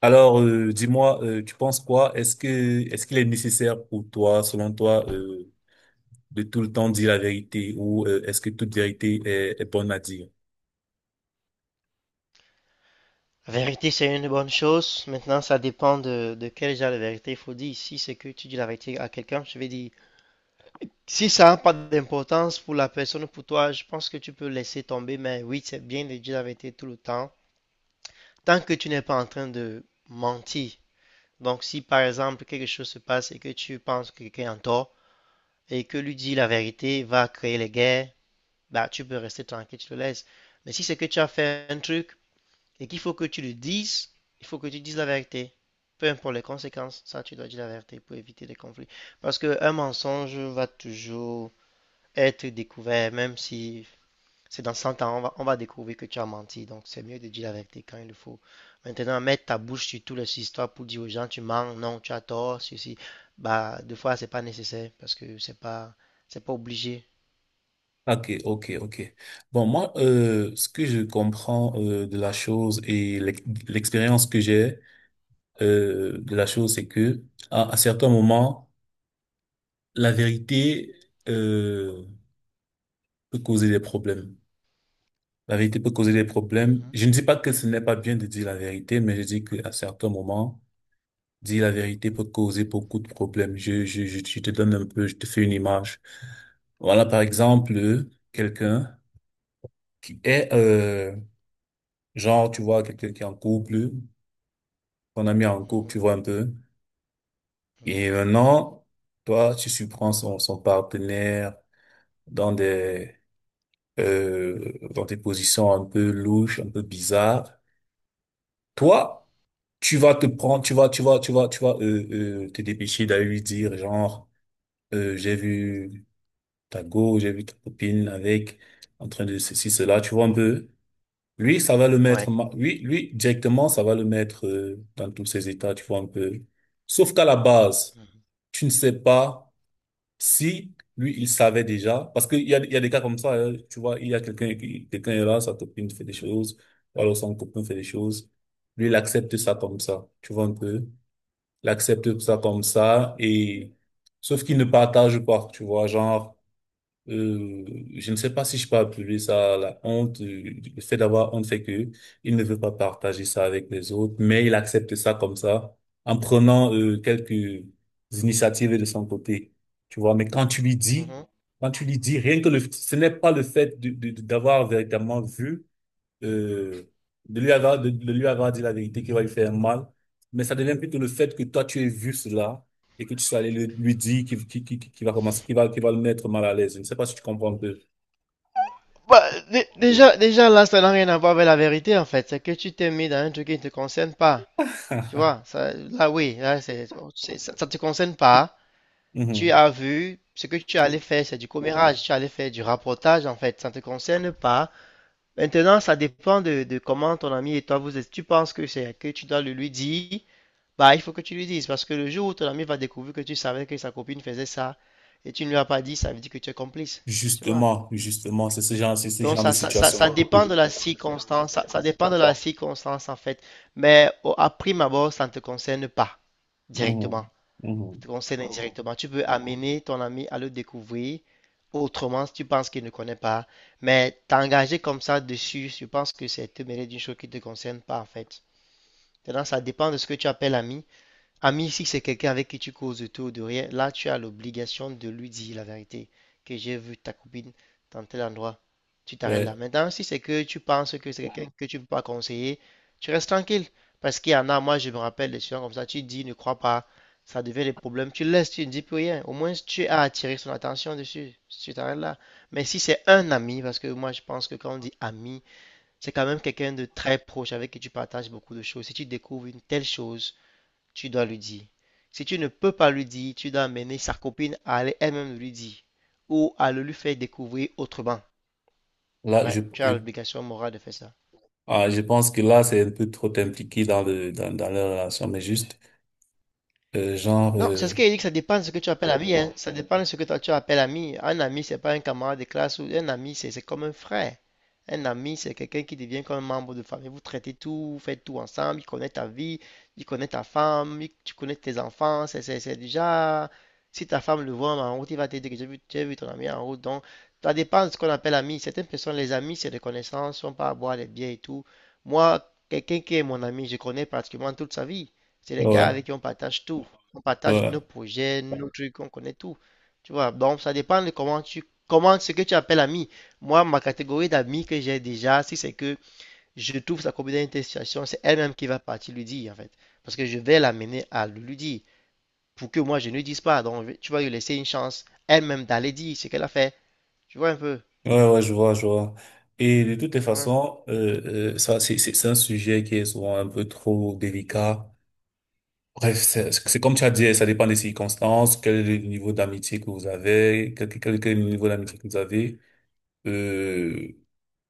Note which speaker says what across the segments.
Speaker 1: Dis-moi, tu penses quoi? Est-ce qu'il est nécessaire pour toi, selon toi, de tout le temps dire la vérité ou est-ce que toute vérité est bonne à dire?
Speaker 2: La vérité, c'est une bonne chose. Maintenant, ça dépend de quel genre de vérité il faut dire. Si c'est que tu dis la vérité à quelqu'un, je vais dire. Si ça n'a pas d'importance pour la personne ou pour toi, je pense que tu peux laisser tomber. Mais oui, c'est bien de dire la vérité tout le temps, tant que tu n'es pas en train de mentir. Donc, si par exemple quelque chose se passe et que tu penses que quelqu'un est en tort et que lui dit la vérité va créer les guerres, bah, tu peux rester tranquille, tu le laisses. Mais si c'est que tu as fait un truc et qu'il faut que tu le dises, il faut que tu dises la vérité. Peu importe les conséquences, ça, tu dois dire la vérité pour éviter les conflits. Parce qu'un mensonge va toujours être découvert, même si c'est dans 100 ans, on va découvrir que tu as menti. Donc, c'est mieux de dire la vérité quand il le faut. Maintenant, mettre ta bouche sur toutes les histoires pour dire aux gens, tu mens, non, tu as tort, ceci. Bah, des fois, c'est pas nécessaire parce que c'est pas obligé.
Speaker 1: Ok, ok, ok. Bon, moi, ce que je comprends de la chose et l'expérience que j'ai de la chose, c'est que à certains moments, la vérité euh, peut causer des problèmes. La vérité peut causer des problèmes.
Speaker 2: Mhm.
Speaker 1: Je ne dis pas que ce n'est pas bien de dire la vérité, mais je dis qu'à certains moments dire la vérité peut causer beaucoup de problèmes. Je te donne un peu, je te fais une image. Voilà, par exemple, quelqu'un qui est, genre, tu vois, quelqu'un qui est en couple, ton ami est en couple, tu
Speaker 2: Mhm,
Speaker 1: vois un peu.
Speaker 2: mhm.
Speaker 1: Et maintenant, toi, tu surprends son, son partenaire dans des, dans des positions un peu louches, un peu bizarres. Toi, tu vas te prendre, tu vas, tu vas, tu vas, tu vas, te dépêcher d'aller lui dire, genre, j'ai vu ta go, j'ai vu ta copine avec, en train de ceci, cela, tu vois un peu. Lui, ça va le
Speaker 2: Ouais.
Speaker 1: mettre, lui, lui, directement, ça va le mettre dans tous ses états, tu vois un peu. Sauf qu'à la base,
Speaker 2: Mhm,
Speaker 1: tu ne sais pas si lui, il savait déjà, parce qu'il y a, il y a des cas comme ça, hein, tu vois, il y a quelqu'un, quelqu'un est là, sa copine fait des choses, ou alors son copain fait des choses. Lui, il accepte ça comme ça, tu vois un peu. Il accepte ça
Speaker 2: mhm,
Speaker 1: comme ça, et, sauf qu'il ne partage pas, tu vois, genre, euh, je ne sais pas si je peux appeler ça la honte, le fait d'avoir honte fait que il ne veut pas partager ça avec les autres, mais il accepte ça comme ça, en prenant quelques initiatives de son côté, tu vois. Mais quand tu lui dis,
Speaker 2: mhm.
Speaker 1: quand tu lui dis, rien que le, ce n'est pas le fait de, d'avoir véritablement vu, euh, de lui avoir dit la vérité qui va lui faire mal, mais ça devient plutôt le fait que toi, tu aies vu cela et que tu sois allé lui dire qui va commencer, qui va le mettre mal à l'aise. Je ne sais pas si tu comprends un peu.
Speaker 2: Bah, déjà là, ça n'a rien à voir avec la vérité en fait. C'est que tu t'es mis dans un truc qui ne te concerne pas. Tu vois, ça, là oui, là, ça ne te concerne pas. Tu
Speaker 1: Mhm.
Speaker 2: as vu, ce que tu allais faire, c'est du commérage, tu allais faire du rapportage en fait, ça ne te concerne pas. Maintenant, ça dépend de comment ton ami et toi vous êtes. Tu penses que c'est que tu dois le lui dire, bah il faut que tu lui dises parce que le jour où ton ami va découvrir que tu savais que sa copine faisait ça et tu ne lui as pas dit, ça veut dire que tu es complice. Tu vois.
Speaker 1: Justement, justement, c'est ce
Speaker 2: Donc
Speaker 1: genre de
Speaker 2: ça
Speaker 1: situation.
Speaker 2: dépend de la circonstance, ça dépend de la circonstance en fait. Mais à prime abord, ça ne te concerne pas directement.
Speaker 1: Mhm.
Speaker 2: Ça
Speaker 1: Mhm.
Speaker 2: te concerne indirectement. Tu peux amener ton ami à le découvrir autrement si tu penses qu'il ne connaît pas. Mais t'engager comme ça dessus, je pense que c'est te mêler d'une chose qui ne te concerne pas en fait. Maintenant, ça dépend de ce que tu appelles ami. Ami, si c'est quelqu'un avec qui tu causes de tout ou de rien, là, tu as l'obligation de lui dire la vérité, que j'ai vu ta copine dans tel endroit. Tu t'arrêtes là.
Speaker 1: Ouais.
Speaker 2: Maintenant, si c'est que tu penses que c'est quelqu'un que tu ne peux pas conseiller, tu restes tranquille. Parce qu'il y en a, moi, je me rappelle des gens comme ça, tu dis, ne crois pas, ça devient des problèmes, tu laisses, tu ne dis plus rien. Au moins, tu as attiré son attention dessus, tu t'arrêtes là. Mais si c'est un ami, parce que moi, je pense que quand on dit ami, c'est quand même quelqu'un de très proche avec qui tu partages beaucoup de choses. Si tu découvres une telle chose, tu dois lui dire. Si tu ne peux pas lui dire, tu dois amener sa copine à aller elle-même lui dire ou à le lui faire découvrir autrement.
Speaker 1: Là,
Speaker 2: Ouais, tu as l'obligation morale de faire ça.
Speaker 1: je pense que là, c'est un peu trop impliqué dans le, dans, dans la relation, mais juste, genre,
Speaker 2: Non, c'est ce qu'il dit que ça dépend de ce que tu appelles ami, hein. Ça dépend de ce que toi tu appelles ami. Un ami, c'est pas un camarade de classe ou un ami, c'est comme un frère. Un ami, c'est quelqu'un qui devient comme un membre de famille. Vous traitez tout, vous faites tout ensemble. Il connaît ta vie, il connaît ta femme, tu connais tes enfants. C'est déjà. Si ta femme le voit en route, il va te dire que j'ai vu ton ami en route. Donc, ça dépend de ce qu'on appelle ami. Certaines personnes, les amis, c'est des connaissances, sont pas à boire des bières et tout. Moi, quelqu'un qui est mon ami, je connais pratiquement toute sa vie. C'est les gars
Speaker 1: ouais,
Speaker 2: avec qui on partage tout, on partage
Speaker 1: ouais.
Speaker 2: nos projets, nos trucs, on connaît tout. Tu vois, donc ça dépend de comment ce que tu appelles ami. Moi, ma catégorie d'amis que j'ai déjà, si c'est que je trouve sa copine dans une telle situation, c'est elle-même qui va partir lui dire en fait. Parce que je vais l'amener à lui dire pour que moi je ne dise pas. Donc tu vas lui laisser une chance elle-même d'aller dire ce qu'elle a fait. Tu vois un peu.
Speaker 1: Ouais, ouais, je vois, je vois. Et de toutes les
Speaker 2: Ouais.
Speaker 1: façons, ça, c'est, c'est un sujet qui est souvent un peu trop délicat. Bref, c'est comme tu as dit, ça dépend des circonstances, quel est le niveau d'amitié que vous avez, quel est le niveau d'amitié que vous avez. Euh,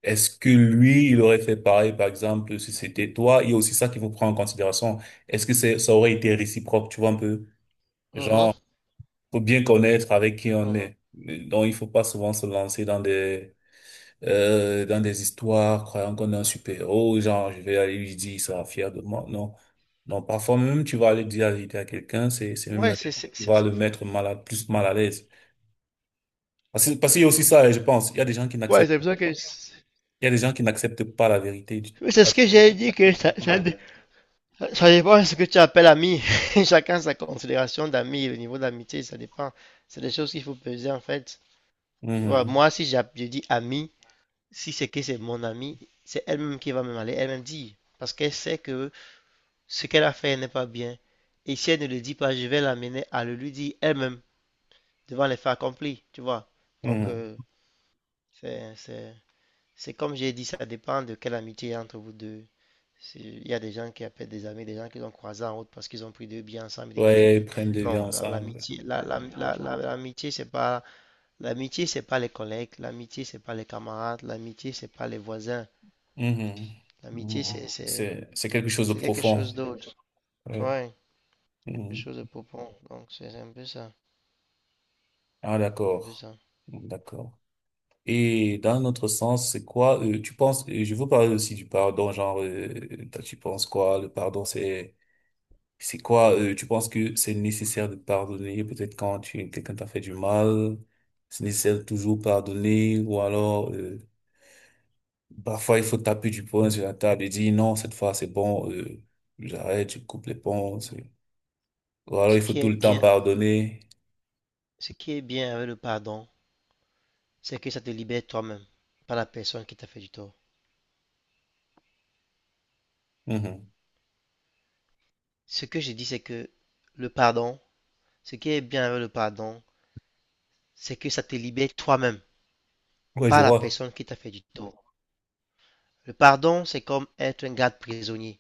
Speaker 1: est-ce que lui, il aurait fait pareil, par exemple, si c'était toi? Il y a aussi ça qu'il faut prendre en considération. Est-ce que c'est, ça aurait été réciproque, tu vois un peu?
Speaker 2: Mhm,
Speaker 1: Genre, faut bien connaître avec qui on
Speaker 2: mhm.
Speaker 1: est. Donc, il faut pas souvent se lancer dans des histoires, croyant qu'on est un super-héros, genre, je vais aller lui dire, il sera fier de moi. Non. Non, parfois même, tu vas aller dire la vérité à quelqu'un, c'est même
Speaker 2: Ouais,
Speaker 1: la vérité qui va le mettre plus mal à l'aise. Parce qu'il y a aussi ça, je pense.
Speaker 2: ouais, c'est pour ça que
Speaker 1: Il y a des gens qui n'acceptent pas la vérité. Du-
Speaker 2: oui, c'est ce que j'ai dit que ça dépend de ce que tu appelles ami. Chacun sa considération d'ami, le niveau d'amitié, ça dépend. C'est des choses qu'il faut peser en fait. Tu vois,
Speaker 1: Mhm,
Speaker 2: moi, si je dis ami, si c'est que c'est mon ami, c'est elle-même qui va me aller elle-même dire. Parce qu'elle sait que ce qu'elle a fait n'est pas bien. Et si elle ne le dit pas, je vais l'amener à le lui dire elle-même, devant les faits accomplis, tu vois. Donc,
Speaker 1: mhm.
Speaker 2: c'est, c'est, c'est comme j'ai dit, ça dépend de quelle amitié il y a entre vous deux. Il y a des gens qui appellent des amis, des gens qu'ils ont croisés en route parce qu'ils ont pris deux bières ensemble, ils deviennent
Speaker 1: Ouais, ils
Speaker 2: amis.
Speaker 1: prennent des vies
Speaker 2: Non,
Speaker 1: ensemble.
Speaker 2: l'amitié, l'amitié, c'est pas les collègues, l'amitié, c'est pas les camarades, l'amitié, c'est pas les voisins.
Speaker 1: Mhm,
Speaker 2: L'amitié,
Speaker 1: mhm.
Speaker 2: c'est, c'est,
Speaker 1: C'est quelque chose de
Speaker 2: c'est quelque chose
Speaker 1: profond.
Speaker 2: d'autre.
Speaker 1: Ouais.
Speaker 2: Ouais, quelque
Speaker 1: Mhm.
Speaker 2: chose de profond. Donc, c'est un peu ça,
Speaker 1: Ah,
Speaker 2: un peu
Speaker 1: d'accord.
Speaker 2: ça.
Speaker 1: D'accord. Et dans notre sens, c'est quoi, tu penses, je veux parler aussi du pardon, genre, toi, tu penses quoi, le pardon, c'est quoi, tu penses que c'est nécessaire de pardonner, peut-être quand tu, quelqu'un t'a fait du mal, c'est nécessaire de toujours pardonner, ou alors, parfois, il faut taper du poing sur la table et dire, non, cette fois, c'est bon, j'arrête, je coupe les ponts, c'est- ou alors,
Speaker 2: Ce
Speaker 1: il faut
Speaker 2: qui
Speaker 1: tout
Speaker 2: est
Speaker 1: le temps
Speaker 2: bien,
Speaker 1: pardonner.
Speaker 2: ce qui est bien avec le pardon, c'est que ça te libère toi-même, pas la personne qui t'a fait du tort.
Speaker 1: Mhm.
Speaker 2: Ce que j'ai dit, c'est que le pardon, ce qui est bien avec le pardon, c'est que ça te libère toi-même,
Speaker 1: Ouais, je
Speaker 2: pas la
Speaker 1: vois.
Speaker 2: personne qui t'a fait du tort. Le pardon, c'est comme être un garde prisonnier.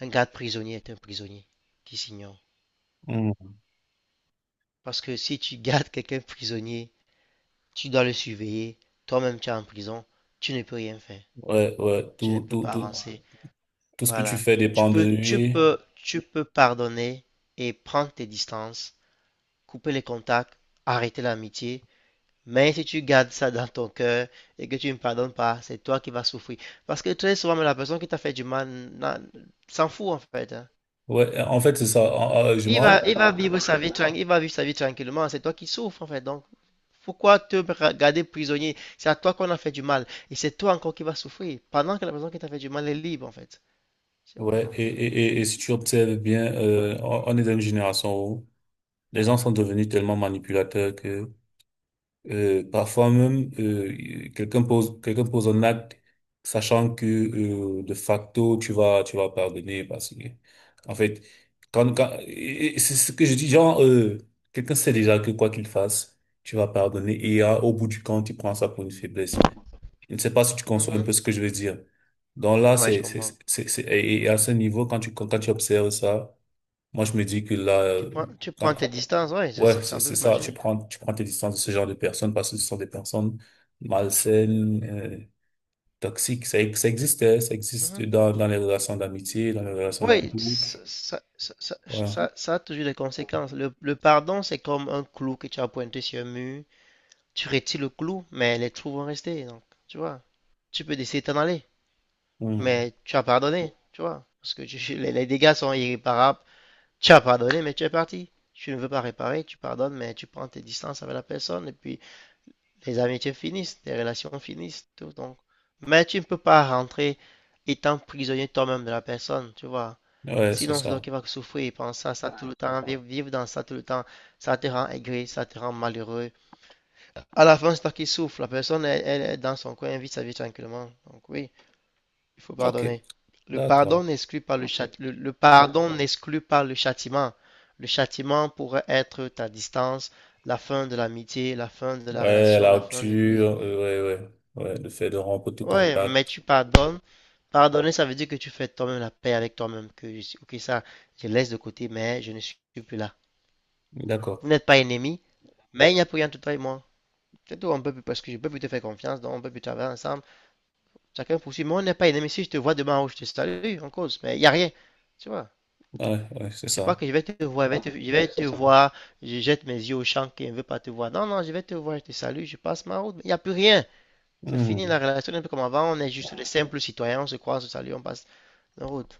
Speaker 2: Un garde prisonnier est un prisonnier qui s'ignore.
Speaker 1: Mhm.
Speaker 2: Parce que si tu gardes quelqu'un prisonnier, tu dois le surveiller. Toi-même, tu es en prison, tu ne peux rien faire.
Speaker 1: Ouais, ouais,
Speaker 2: Tu ne
Speaker 1: tout,
Speaker 2: peux
Speaker 1: tout,
Speaker 2: pas
Speaker 1: tout,
Speaker 2: avancer.
Speaker 1: tout ce que tu
Speaker 2: Voilà.
Speaker 1: fais
Speaker 2: Tu
Speaker 1: dépend de
Speaker 2: peux, tu
Speaker 1: lui.
Speaker 2: peux, tu peux pardonner et prendre tes distances, couper les contacts, arrêter l'amitié. Mais si tu gardes ça dans ton cœur et que tu ne me pardonnes pas, c'est toi qui vas souffrir. Parce que très souvent, la personne qui t'a fait du mal s'en fout en fait, hein.
Speaker 1: Ouais, en fait, c'est ça. Je
Speaker 2: Il va,
Speaker 1: manque.
Speaker 2: il va vivre sa vie tranquille, il va vivre sa vie tranquillement. C'est toi qui souffres en fait. Donc, pourquoi te garder prisonnier? C'est à toi qu'on a fait du mal et c'est toi encore qui vas souffrir pendant que la personne qui t'a fait du mal est libre en fait. Je sais pas.
Speaker 1: Ouais,
Speaker 2: Donc,
Speaker 1: et, et, et, et si tu observes bien, on est dans une génération où les gens sont devenus tellement manipulateurs que parfois même quelqu'un pose un acte sachant que de facto tu vas pardonner parce que en fait quand et c'est ce que je dis genre quelqu'un sait déjà que quoi qu'il fasse tu vas pardonner et au bout du compte il prend ça pour une faiblesse. Je ne sais pas si tu conçois un
Speaker 2: mhm.
Speaker 1: peu ce que je veux dire. Donc là,
Speaker 2: Ouais, je comprends.
Speaker 1: et à ce niveau, quand tu, quand quand tu observes ça, moi, je me dis que là,
Speaker 2: Tu prends, tu
Speaker 1: quand-
Speaker 2: prends tes distances. Ouais, c'est
Speaker 1: ouais,
Speaker 2: c'est un peu
Speaker 1: c'est ça,
Speaker 2: magique.
Speaker 1: tu prends tes distances de ce genre de personnes parce que ce sont des personnes malsaines, toxiques. Ça existait, ça existe
Speaker 2: Mhm.
Speaker 1: dans, dans les relations d'amitié, dans les relations de
Speaker 2: Oui,
Speaker 1: couple.
Speaker 2: ça, ça, ça- ça-
Speaker 1: Ouais.
Speaker 2: ça- ça a toujours des conséquences. Le pardon, c'est comme un clou que tu as pointé sur un mur. Tu retires le clou, mais les trous vont rester. Donc, tu vois, tu peux décider de t'en aller,
Speaker 1: Hmm.
Speaker 2: mais tu as pardonné, tu vois, parce que les dégâts sont irréparables. Tu as pardonné, mais tu es parti. Tu ne veux pas réparer, tu pardonnes, mais tu prends tes distances avec la personne, et puis les amitiés finissent, les relations finissent, tout. Donc, mais tu ne peux pas rentrer étant prisonnier toi-même de la personne, tu vois.
Speaker 1: Ouais, c'est
Speaker 2: Sinon, c'est toi
Speaker 1: ça.
Speaker 2: qui vas souffrir, penser à ça tout le temps, vivre dans ça tout le temps. Ça te rend aigri, ça te rend malheureux. À la fin, c'est toi qui souffre. La personne, elle, elle est dans son coin, elle vit sa vie tranquillement. Donc oui, il faut
Speaker 1: OK.
Speaker 2: pardonner. Le
Speaker 1: D'accord.
Speaker 2: pardon n'exclut pas le châti- le, le pardon n'exclut pas le châtiment. Le châtiment pourrait être ta distance, la fin de l'amitié, la fin de la
Speaker 1: Ouais,
Speaker 2: relation,
Speaker 1: la
Speaker 2: la fin de tout. Oui,
Speaker 1: rupture, ouais, ouais, ouais, le fait de rompre tout
Speaker 2: ouais, mais
Speaker 1: contact.
Speaker 2: tu pardonnes. Pardonner, ça veut dire que tu fais toi-même la paix avec toi-même. Ok, ça, je laisse de côté, mais je ne suis plus là.
Speaker 1: D'accord.
Speaker 2: Vous n'êtes pas ennemis, mais il n'y a plus rien entre toi et moi. C'est tout, on peut plus, parce que je peux plus te faire confiance, donc on peut plus travailler ensemble. Chacun poursuit. Moi, on n'est pas ennemis. Si je te vois demain ou je te salue, on cause. Mais il n'y a rien. Tu vois.
Speaker 1: Ouais, ouais, c'est
Speaker 2: C'est pas
Speaker 1: ça.
Speaker 2: que je vais te voir, je vais te voir, je jette mes yeux au champ qui ne veut pas te voir. Non, non, je vais te voir, je te salue, je passe ma route, mais il n'y a plus rien. C'est fini la
Speaker 1: Hmm,
Speaker 2: relation, n'est un peu comme avant. On est juste des simples citoyens, on se croise, on se salue, on passe nos routes.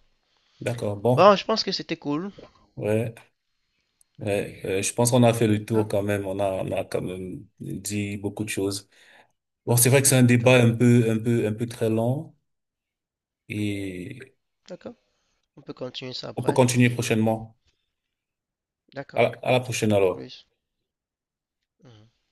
Speaker 1: d'accord,
Speaker 2: Bon,
Speaker 1: bon.
Speaker 2: je pense que c'était cool.
Speaker 1: Ouais, ouais, je pense qu'on a fait
Speaker 2: Hein?
Speaker 1: le tour
Speaker 2: D'accord,
Speaker 1: quand même. On a quand même dit beaucoup de choses. Bon, c'est vrai que c'est un débat
Speaker 2: d'accord.
Speaker 1: un peu, un peu, un peu très long et
Speaker 2: On peut continuer ça
Speaker 1: on peut
Speaker 2: après.
Speaker 1: continuer prochainement. À
Speaker 2: D'accord.
Speaker 1: la
Speaker 2: Ciao.
Speaker 1: prochaine
Speaker 2: À
Speaker 1: alors.
Speaker 2: plus. Mhm.